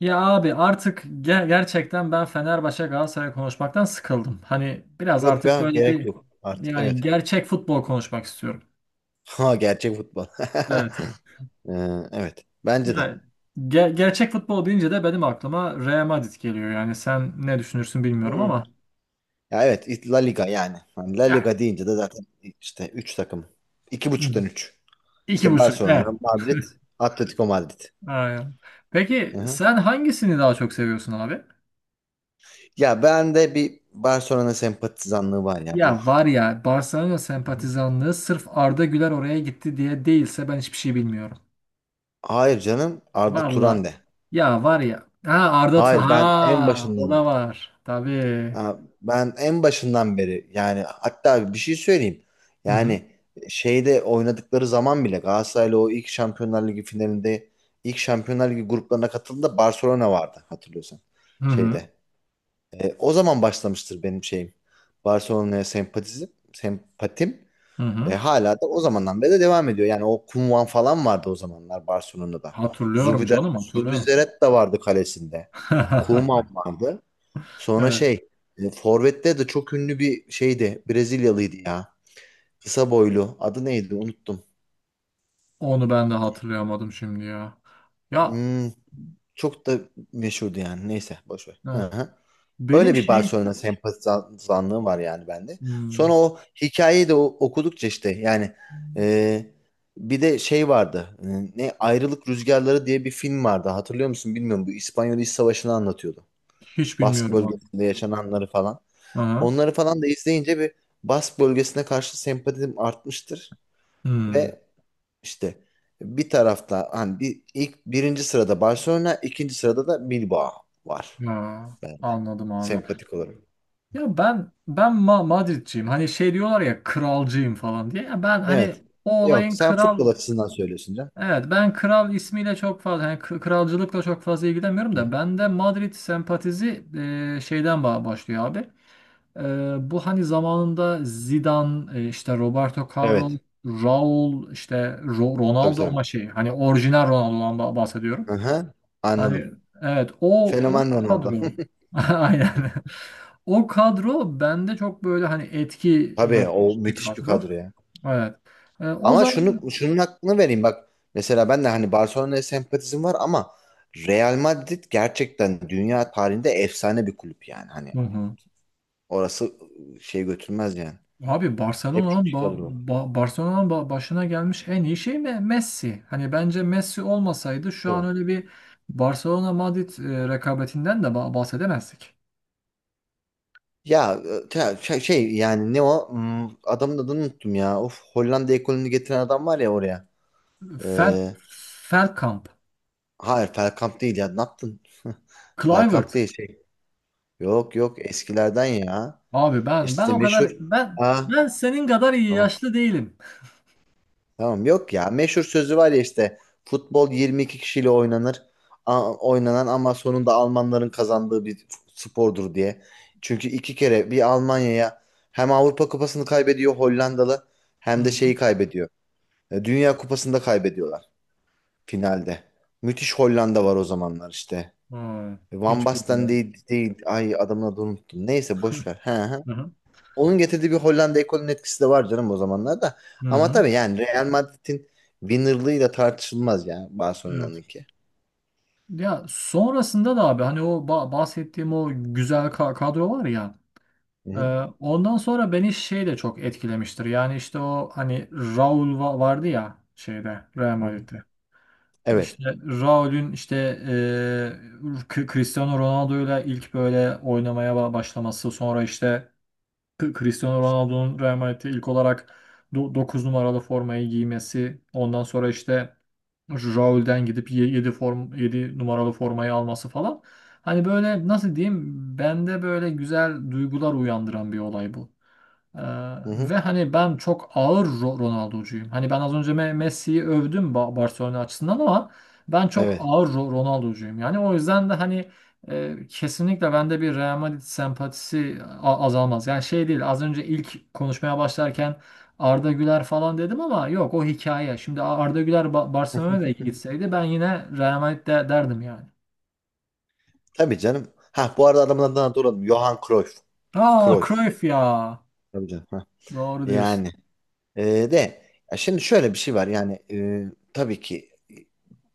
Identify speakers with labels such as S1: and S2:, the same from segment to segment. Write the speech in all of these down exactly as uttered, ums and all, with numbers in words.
S1: Ya abi artık ge- gerçekten ben Fenerbahçe Galatasaray konuşmaktan sıkıldım. Hani biraz
S2: Yok
S1: artık
S2: ya,
S1: böyle
S2: gerek
S1: bir
S2: yok artık,
S1: yani
S2: evet.
S1: gerçek futbol konuşmak istiyorum.
S2: Ha, gerçek futbol.
S1: Evet.
S2: Ee, evet, bence de.
S1: Yani ge- gerçek futbol deyince de benim aklıma Real Madrid geliyor. Yani sen ne düşünürsün bilmiyorum
S2: Hı.
S1: ama
S2: Ya evet, it- La Liga yani. Hani La
S1: yani.
S2: Liga deyince de zaten işte üç takım. İki
S1: Hı.
S2: buçuktan üç.
S1: iki
S2: İşte
S1: buçuk.
S2: Barcelona,
S1: Evet.
S2: Madrid, Atletico Madrid.
S1: Aynen. Peki
S2: Hı-hı.
S1: sen hangisini daha çok seviyorsun abi?
S2: Ya bende bir Barcelona sempatizanlığı var ya bu.
S1: Ya var ya, Barcelona
S2: Hı hı.
S1: sempatizanlığı sırf Arda Güler oraya gitti diye değilse ben hiçbir şey bilmiyorum.
S2: Hayır canım, Arda Turan
S1: Valla
S2: de.
S1: ya var ya. Ha, Arda Tu-
S2: Hayır ben en
S1: ha, o
S2: başından
S1: da var. Tabii.
S2: Aa, Ben en başından beri, yani hatta bir şey söyleyeyim.
S1: Hı hı.
S2: Yani şeyde oynadıkları zaman bile Galatasaray'la o ilk Şampiyonlar Ligi finalinde ilk Şampiyonlar Ligi gruplarına katıldığında Barcelona vardı, hatırlıyorsan.
S1: Hı hı.
S2: Şeyde. E, o zaman başlamıştır benim şeyim. Barcelona'ya sempatizm, sempatim.
S1: Hı
S2: E,
S1: hı.
S2: hala da o zamandan beri de devam ediyor. Yani o Koeman falan vardı o zamanlar Barcelona'da.
S1: Hatırlıyorum
S2: Zubida-
S1: canım, hatırlıyorum.
S2: Zubizarreta da vardı kalesinde. Koeman vardı. Sonra
S1: Evet.
S2: şey, e, Forvet'te de çok ünlü bir şeydi. Brezilyalıydı ya. Kısa boylu. Adı neydi? Unuttum.
S1: Onu ben de hatırlayamadım şimdi ya. Ya
S2: Hmm, Çok da meşhurdu yani. Neyse, boş ver. Hı
S1: ha,
S2: hı.
S1: benim
S2: Öyle bir
S1: şey
S2: Barcelona sempatizanlığı var yani bende. Sonra
S1: hmm,
S2: o hikayeyi de o- okudukça işte, yani e, bir de şey vardı. E, ne Ayrılık Rüzgarları diye bir film vardı. Hatırlıyor musun bilmiyorum. Bu İspanyol İç Savaşı'nı anlatıyordu.
S1: hiç
S2: Bask
S1: bilmiyorum abi.
S2: bölgesinde yaşananları falan.
S1: Aha.
S2: Onları falan da izleyince bir Bask bölgesine karşı sempatim artmıştır
S1: Hmm.
S2: ve işte bir tarafta, hani bir ilk birinci sırada Barcelona, ikinci sırada da Bilbao var,
S1: Ya
S2: ben
S1: anladım abi.
S2: sempatik olarak.
S1: Ya ben ben Ma Madridciyim. Hani şey diyorlar ya, kralcıyım falan diye. Ya ben hani
S2: Evet.
S1: o
S2: Yok,
S1: olayın
S2: sen futbol
S1: kral.
S2: açısından söylüyorsun canım.
S1: Evet, ben kral ismiyle çok fazla, yani kr- kralcılıkla çok fazla ilgilenmiyorum
S2: Hı
S1: da
S2: hı.
S1: bende Madrid sempatizi e, şeyden ba- başlıyor abi. E, bu hani zamanında Zidane, e, işte Roberto Carlos,
S2: Evet.
S1: Raul, işte Ro-
S2: Tabii
S1: Ronaldo, ama
S2: tabii.
S1: şey, hani orijinal Ronaldo'dan ba- bahsediyorum.
S2: Hı hı.
S1: Hani
S2: Anladım.
S1: evet, o o
S2: Fenomen Ronaldo.
S1: kadro. Aynen. O kadro bende çok böyle hani etki
S2: Tabii, o
S1: bırakmış bir
S2: müthiş bir
S1: kadro.
S2: kadro ya.
S1: Evet. E, o
S2: Ama
S1: zaman.
S2: şunu şunun hakkını vereyim bak. Mesela ben de hani Barcelona'ya sempatizm var ama Real Madrid gerçekten dünya tarihinde efsane bir kulüp yani. Hani
S1: Hı hı.
S2: orası ıı, şey götürmez yani.
S1: Abi
S2: Hep çok
S1: Barcelona'nın ba
S2: iyi kadro.
S1: Ba- Barcelona'nın ba- başına gelmiş en iyi şey Me- Messi. Hani bence Messi olmasaydı şu an
S2: Tabii.
S1: öyle bir Barcelona Madrid e, rekabetinden de ba- bahsedemezdik.
S2: Ya e, te- şey şey yani, ne o? Hmm, Adamın adını unuttum ya. Of, Hollanda ekolünü getiren adam var ya oraya.
S1: Fel
S2: Ee,
S1: Feldkamp,
S2: hayır, Bergkamp değil ya. Ne yaptın? Bergkamp
S1: Kluivert.
S2: değil şey. Yok yok, eskilerden ya.
S1: Abi ben ben
S2: İşte
S1: o
S2: meşhur.
S1: kadar ben
S2: Ha,
S1: ben senin kadar iyi
S2: tamam.
S1: yaşlı değilim.
S2: Tamam, yok ya, meşhur sözü var ya işte, futbol yirmi iki kişiyle oynanır, A- oynanan, ama sonunda Almanların kazandığı bir spordur diye. Çünkü iki kere bir Almanya'ya hem Avrupa Kupası'nı kaybediyor Hollandalı,
S1: Hı
S2: hem de
S1: hı.
S2: şeyi kaybediyor. E, Dünya Kupası'nda kaybediyorlar finalde. Müthiş Hollanda var o zamanlar işte.
S1: Ha,
S2: Van
S1: hiç
S2: Basten
S1: bilmiyorum.
S2: değil, değil. Ay, adamın adını unuttum. Neyse, boş ver. He, he.
S1: Hı hı.
S2: Onun getirdiği bir Hollanda ekolünün etkisi de var canım o zamanlarda.
S1: Hı
S2: Ama
S1: hı.
S2: tabii yani, Real Madrid'in winnerlığıyla tartışılmaz yani
S1: Evet.
S2: Barcelona'nınki.
S1: Ya sonrasında da abi, hani o ba- bahsettiğim o güzel ka- kadro var ya,
S2: Hı
S1: Ee,
S2: hı,
S1: ondan sonra beni şey de çok etkilemiştir. Yani işte o hani Raul va- vardı ya şeyde, Real
S2: hı hı.
S1: Madrid'de.
S2: Evet.
S1: İşte Raul'ün işte e, K- Cristiano Ronaldo'yla ilk böyle oynamaya ba- başlaması. Sonra işte K- Cristiano Ronaldo'nun Real Madrid'de ilk olarak dokuz numaralı formayı giymesi. Ondan sonra işte Raul'den gidip yedi form yedi numaralı formayı alması falan. Hani böyle, nasıl diyeyim, bende böyle güzel duygular uyandıran bir olay bu. Ee,
S2: Hı hı,
S1: ve hani ben çok ağır Ro- Ronaldo'cuyum. Hani ben az önce Me- Messi'yi övdüm Ba- Barcelona açısından ama ben çok
S2: evet.
S1: ağır Ro- Ronaldo'cuyum. Yani o yüzden de hani e, kesinlikle bende bir Real Madrid sempatisi a- azalmaz. Yani şey değil, az önce ilk konuşmaya başlarken Arda Güler falan dedim ama yok, o hikaye. Şimdi Arda Güler Ba- Barcelona'ya gitseydi ben yine Real Madrid de- derdim yani.
S2: Tabii canım. Ha, bu arada adamın adını hatırladım. Johan Cruyff.
S1: Aa,
S2: Cruyff.
S1: Cruyff ya.
S2: Tabii canım. Ha.
S1: Doğru diyorsun.
S2: Yani e, de, ya şimdi şöyle bir şey var yani, e, tabii ki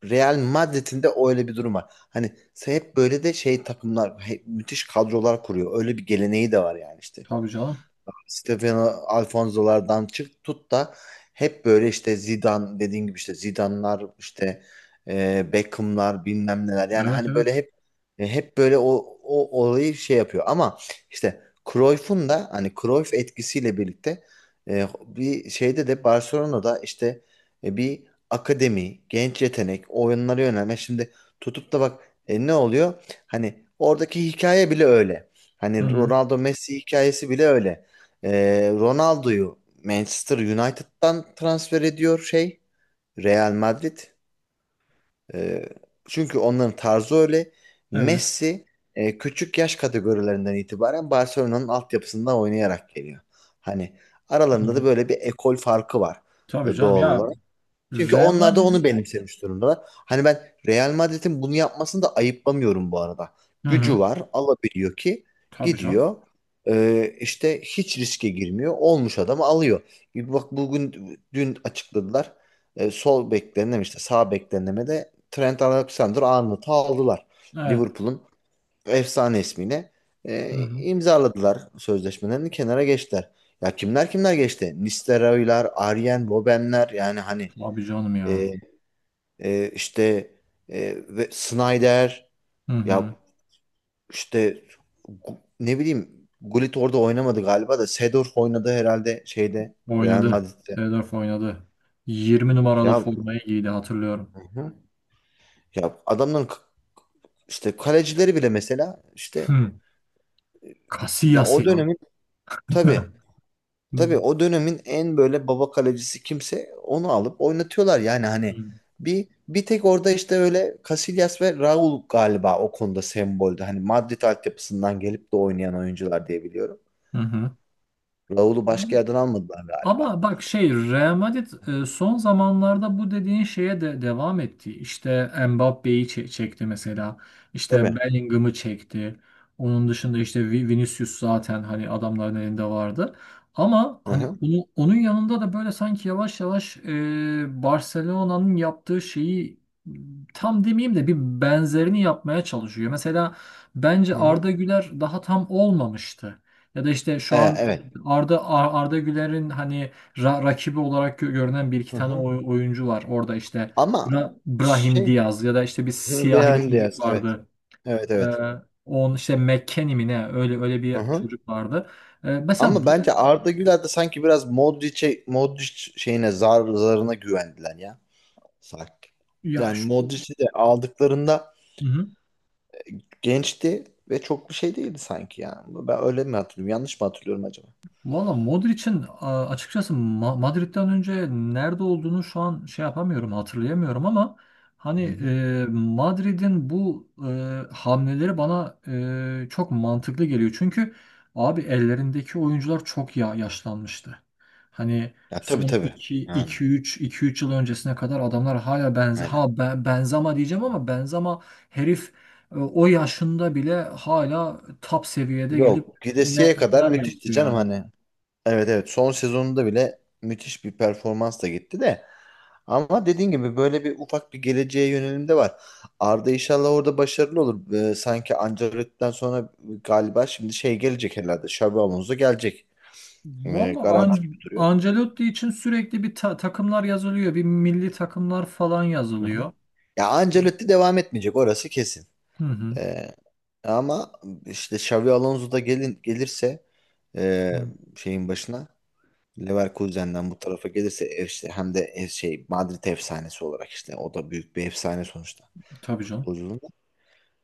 S2: Real Madrid'in de öyle bir durum var. Hani hep böyle de şey, takımlar hep müthiş kadrolar kuruyor. Öyle bir geleneği de var yani işte.
S1: Tabii canım.
S2: Stefano Alfonso'lardan çık tut da hep böyle işte Zidane dediğin gibi, işte Zidane'lar, işte e, Beckham'lar, bilmem neler yani,
S1: Evet,
S2: hani böyle
S1: evet.
S2: hep e, hep böyle o, o olayı şey yapıyor ama işte Cruyff'un da hani Cruyff etkisiyle birlikte e, bir şeyde de, Barcelona'da işte e, bir akademi, genç yetenek, oyunlara yönelme. Şimdi tutup da bak, e, ne oluyor? Hani oradaki hikaye bile öyle.
S1: Hı
S2: Hani
S1: hı.
S2: Ronaldo Messi hikayesi bile öyle. Ee, Ronaldo'yu Manchester United'dan transfer ediyor şey, Real Madrid. Ee, Çünkü onların tarzı öyle.
S1: Evet.
S2: Messi e, küçük yaş kategorilerinden itibaren Barcelona'nın altyapısında oynayarak geliyor. Hani
S1: Hı
S2: aralarında da
S1: hı.
S2: böyle bir ekol farkı var
S1: Tabii
S2: e,
S1: canım
S2: doğal
S1: ya.
S2: olarak. Çünkü onlar
S1: Rema
S2: da onu
S1: dedim.
S2: benimsemiş durumdalar. Hani ben Real Madrid'in bunu yapmasını da ayıplamıyorum bu arada.
S1: Hı hı.
S2: Gücü var, alabiliyor ki
S1: Tabii canım.
S2: gidiyor. Ee, işte hiç riske girmiyor. Olmuş adamı alıyor. Bir bak, bugün dün açıkladılar. Ee, sol beklerine mi işte, sağ beklerine mi de Trent Alexander-Arnold'u aldılar.
S1: Evet.
S2: Liverpool'un efsane ismiyle
S1: Hı
S2: Ee,
S1: hı.
S2: imzaladılar sözleşmelerini, kenara geçtiler. Ya kimler kimler geçti? Nistelrooylar, Arjen Robben'ler, yani hani
S1: Tabii canım
S2: e,
S1: ya.
S2: e, işte e, ve Snyder,
S1: Hı hı.
S2: ya işte gu- ne bileyim, Gullit orada oynamadı galiba da Seedorf oynadı herhalde şeyde, Real
S1: Oynadı.
S2: Madrid'de.
S1: Seedorf oynadı. Yirmi numaralı
S2: Ya.
S1: formayı giydi, hatırlıyorum.
S2: Hı. Ya adamların k- işte kalecileri bile, mesela işte,
S1: Hı.
S2: ya
S1: Casillas
S2: o
S1: ya.
S2: dönemin tabii
S1: Hı
S2: tabii, o dönemin en böyle baba kalecisi kimse onu alıp oynatıyorlar yani hani,
S1: hı.
S2: bir bir tek orada işte öyle Casillas ve Raul galiba o konuda semboldü. Hani Madrid altyapısından gelip de oynayan oyuncular diye biliyorum.
S1: Hı hı.
S2: Raul'u başka yerden almadılar galiba.
S1: Ama bak şey, Real Madrid e, son zamanlarda bu dediğin şeye de devam etti. İşte Mbappé'yi çe- çekti mesela. İşte
S2: Tabii.
S1: Bellingham'ı çekti. Onun dışında işte Vi- Vinicius zaten hani adamların elinde vardı. Ama
S2: Hı
S1: hani
S2: hı.
S1: onu, onun yanında da böyle sanki yavaş yavaş e, Barcelona'nın yaptığı şeyi tam demeyeyim de bir benzerini yapmaya çalışıyor. Mesela bence
S2: Hı hı.
S1: Arda Güler daha tam olmamıştı. Ya da işte
S2: E,
S1: şu an
S2: evet.
S1: Arda Ar- Arda Güler'in hani ra- rakibi olarak gö- görünen bir iki
S2: Hı
S1: tane
S2: hı.
S1: oy- oyuncu var. Orada işte
S2: Ama
S1: Bra- Brahim
S2: şey,
S1: Diaz ya da işte bir
S2: hı, hı.
S1: siyahi bir
S2: Brahim
S1: çocuk
S2: Diaz, evet.
S1: vardı.
S2: Evet
S1: Ee,
S2: evet.
S1: on işte McKennie mi ne, öyle öyle
S2: Hı
S1: bir
S2: hı.
S1: çocuk vardı. Ee, mesela
S2: Ama
S1: bu
S2: bence Arda Güler de sanki biraz Modric'e Modric şeyine, zar zarına güvendiler ya. Sanki.
S1: ya
S2: Yani
S1: şu.
S2: Modric'i de aldıklarında
S1: Hı hı.
S2: gençti ve çok bir şey değildi sanki ya. Ben öyle mi hatırlıyorum? Yanlış mı hatırlıyorum acaba?
S1: Valla Modric'in a- açıkçası Ma- Madrid'den önce nerede olduğunu şu an şey yapamıyorum, hatırlayamıyorum, ama hani
S2: Hı hı.
S1: e, Madrid'in bu e, hamleleri bana e, çok mantıklı geliyor. Çünkü abi ellerindeki oyuncular çok ya, yaşlanmıştı. Hani
S2: Ya tabii
S1: son
S2: tabii.
S1: iki
S2: Yani
S1: iki üç iki üç yıl öncesine kadar adamlar hala benze ha
S2: aynen.
S1: ben Benzema diyeceğim ama Benzema herif, e, o yaşında bile hala top seviyede gelip
S2: Yok,
S1: ne
S2: gidesiye kadar
S1: neler yaptı
S2: müthişti canım
S1: yani.
S2: hani. Evet evet, son sezonunda bile müthiş bir performansla gitti de. Ama dediğin gibi, böyle bir ufak bir geleceğe yönelim de var. Arda inşallah orada başarılı olur. Ee, sanki Ancelotti'den sonra galiba şimdi şey gelecek herhalde. Xabi Alonso gelecek. Ee,
S1: Valla
S2: garanti gibi
S1: An
S2: duruyor.
S1: Ancelotti için sürekli bir ta- takımlar yazılıyor. Bir milli takımlar falan
S2: Hı hı.
S1: yazılıyor.
S2: Ya Ancelotti devam etmeyecek, orası kesin.
S1: Hı hı.
S2: Ee, Ama işte Xabi Alonso da gelin, gelirse, e,
S1: Hı.
S2: şeyin başına, Leverkusen'den bu tarafa gelirse, ev işte hem de ev şey Madrid efsanesi olarak işte, o da büyük bir efsane sonuçta
S1: Tabii canım.
S2: futbolculuğunda.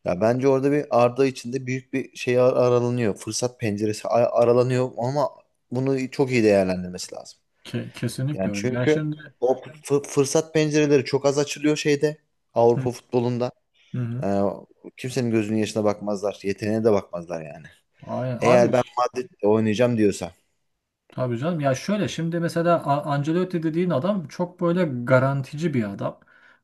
S2: Ya bence orada bir Arda için de büyük bir şey ar- aralanıyor. Fırsat penceresi a- aralanıyor ama bunu çok iyi değerlendirmesi lazım.
S1: Ke-
S2: Yani
S1: kesinlikle öyle. Ya
S2: çünkü
S1: şimdi.
S2: o fı- fırsat pencereleri çok az açılıyor şeyde,
S1: Hı
S2: Avrupa futbolunda.
S1: hı.
S2: Ee, Kimsenin gözünün yaşına bakmazlar. Yeteneğine de bakmazlar yani.
S1: Aynen. Abi.
S2: Eğer ben Madrid'de oynayacağım diyorsa.
S1: Tabii canım. Ya şöyle şimdi mesela A- Ancelotti dediğin adam çok böyle garantici bir adam.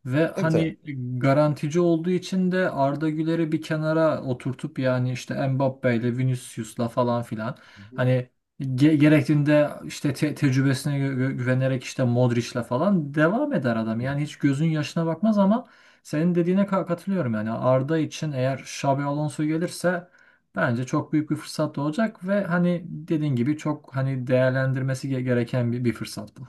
S1: Ve
S2: Tabii tabii.
S1: hani garantici olduğu için de Arda Güler'i bir kenara oturtup yani, işte Mbappe'yle Vinicius'la falan filan
S2: Hı
S1: hani ge- gerektiğinde işte te- tecrübesine gü- gü- güvenerek işte Modric'le falan devam eder adam. Yani hiç
S2: hı.
S1: gözün yaşına bakmaz ama senin dediğine ka- katılıyorum yani. Arda için eğer Xabi Alonso gelirse bence çok büyük bir fırsat da olacak ve hani dediğin gibi çok hani değerlendirmesi ge- gereken bir, bir fırsat bu.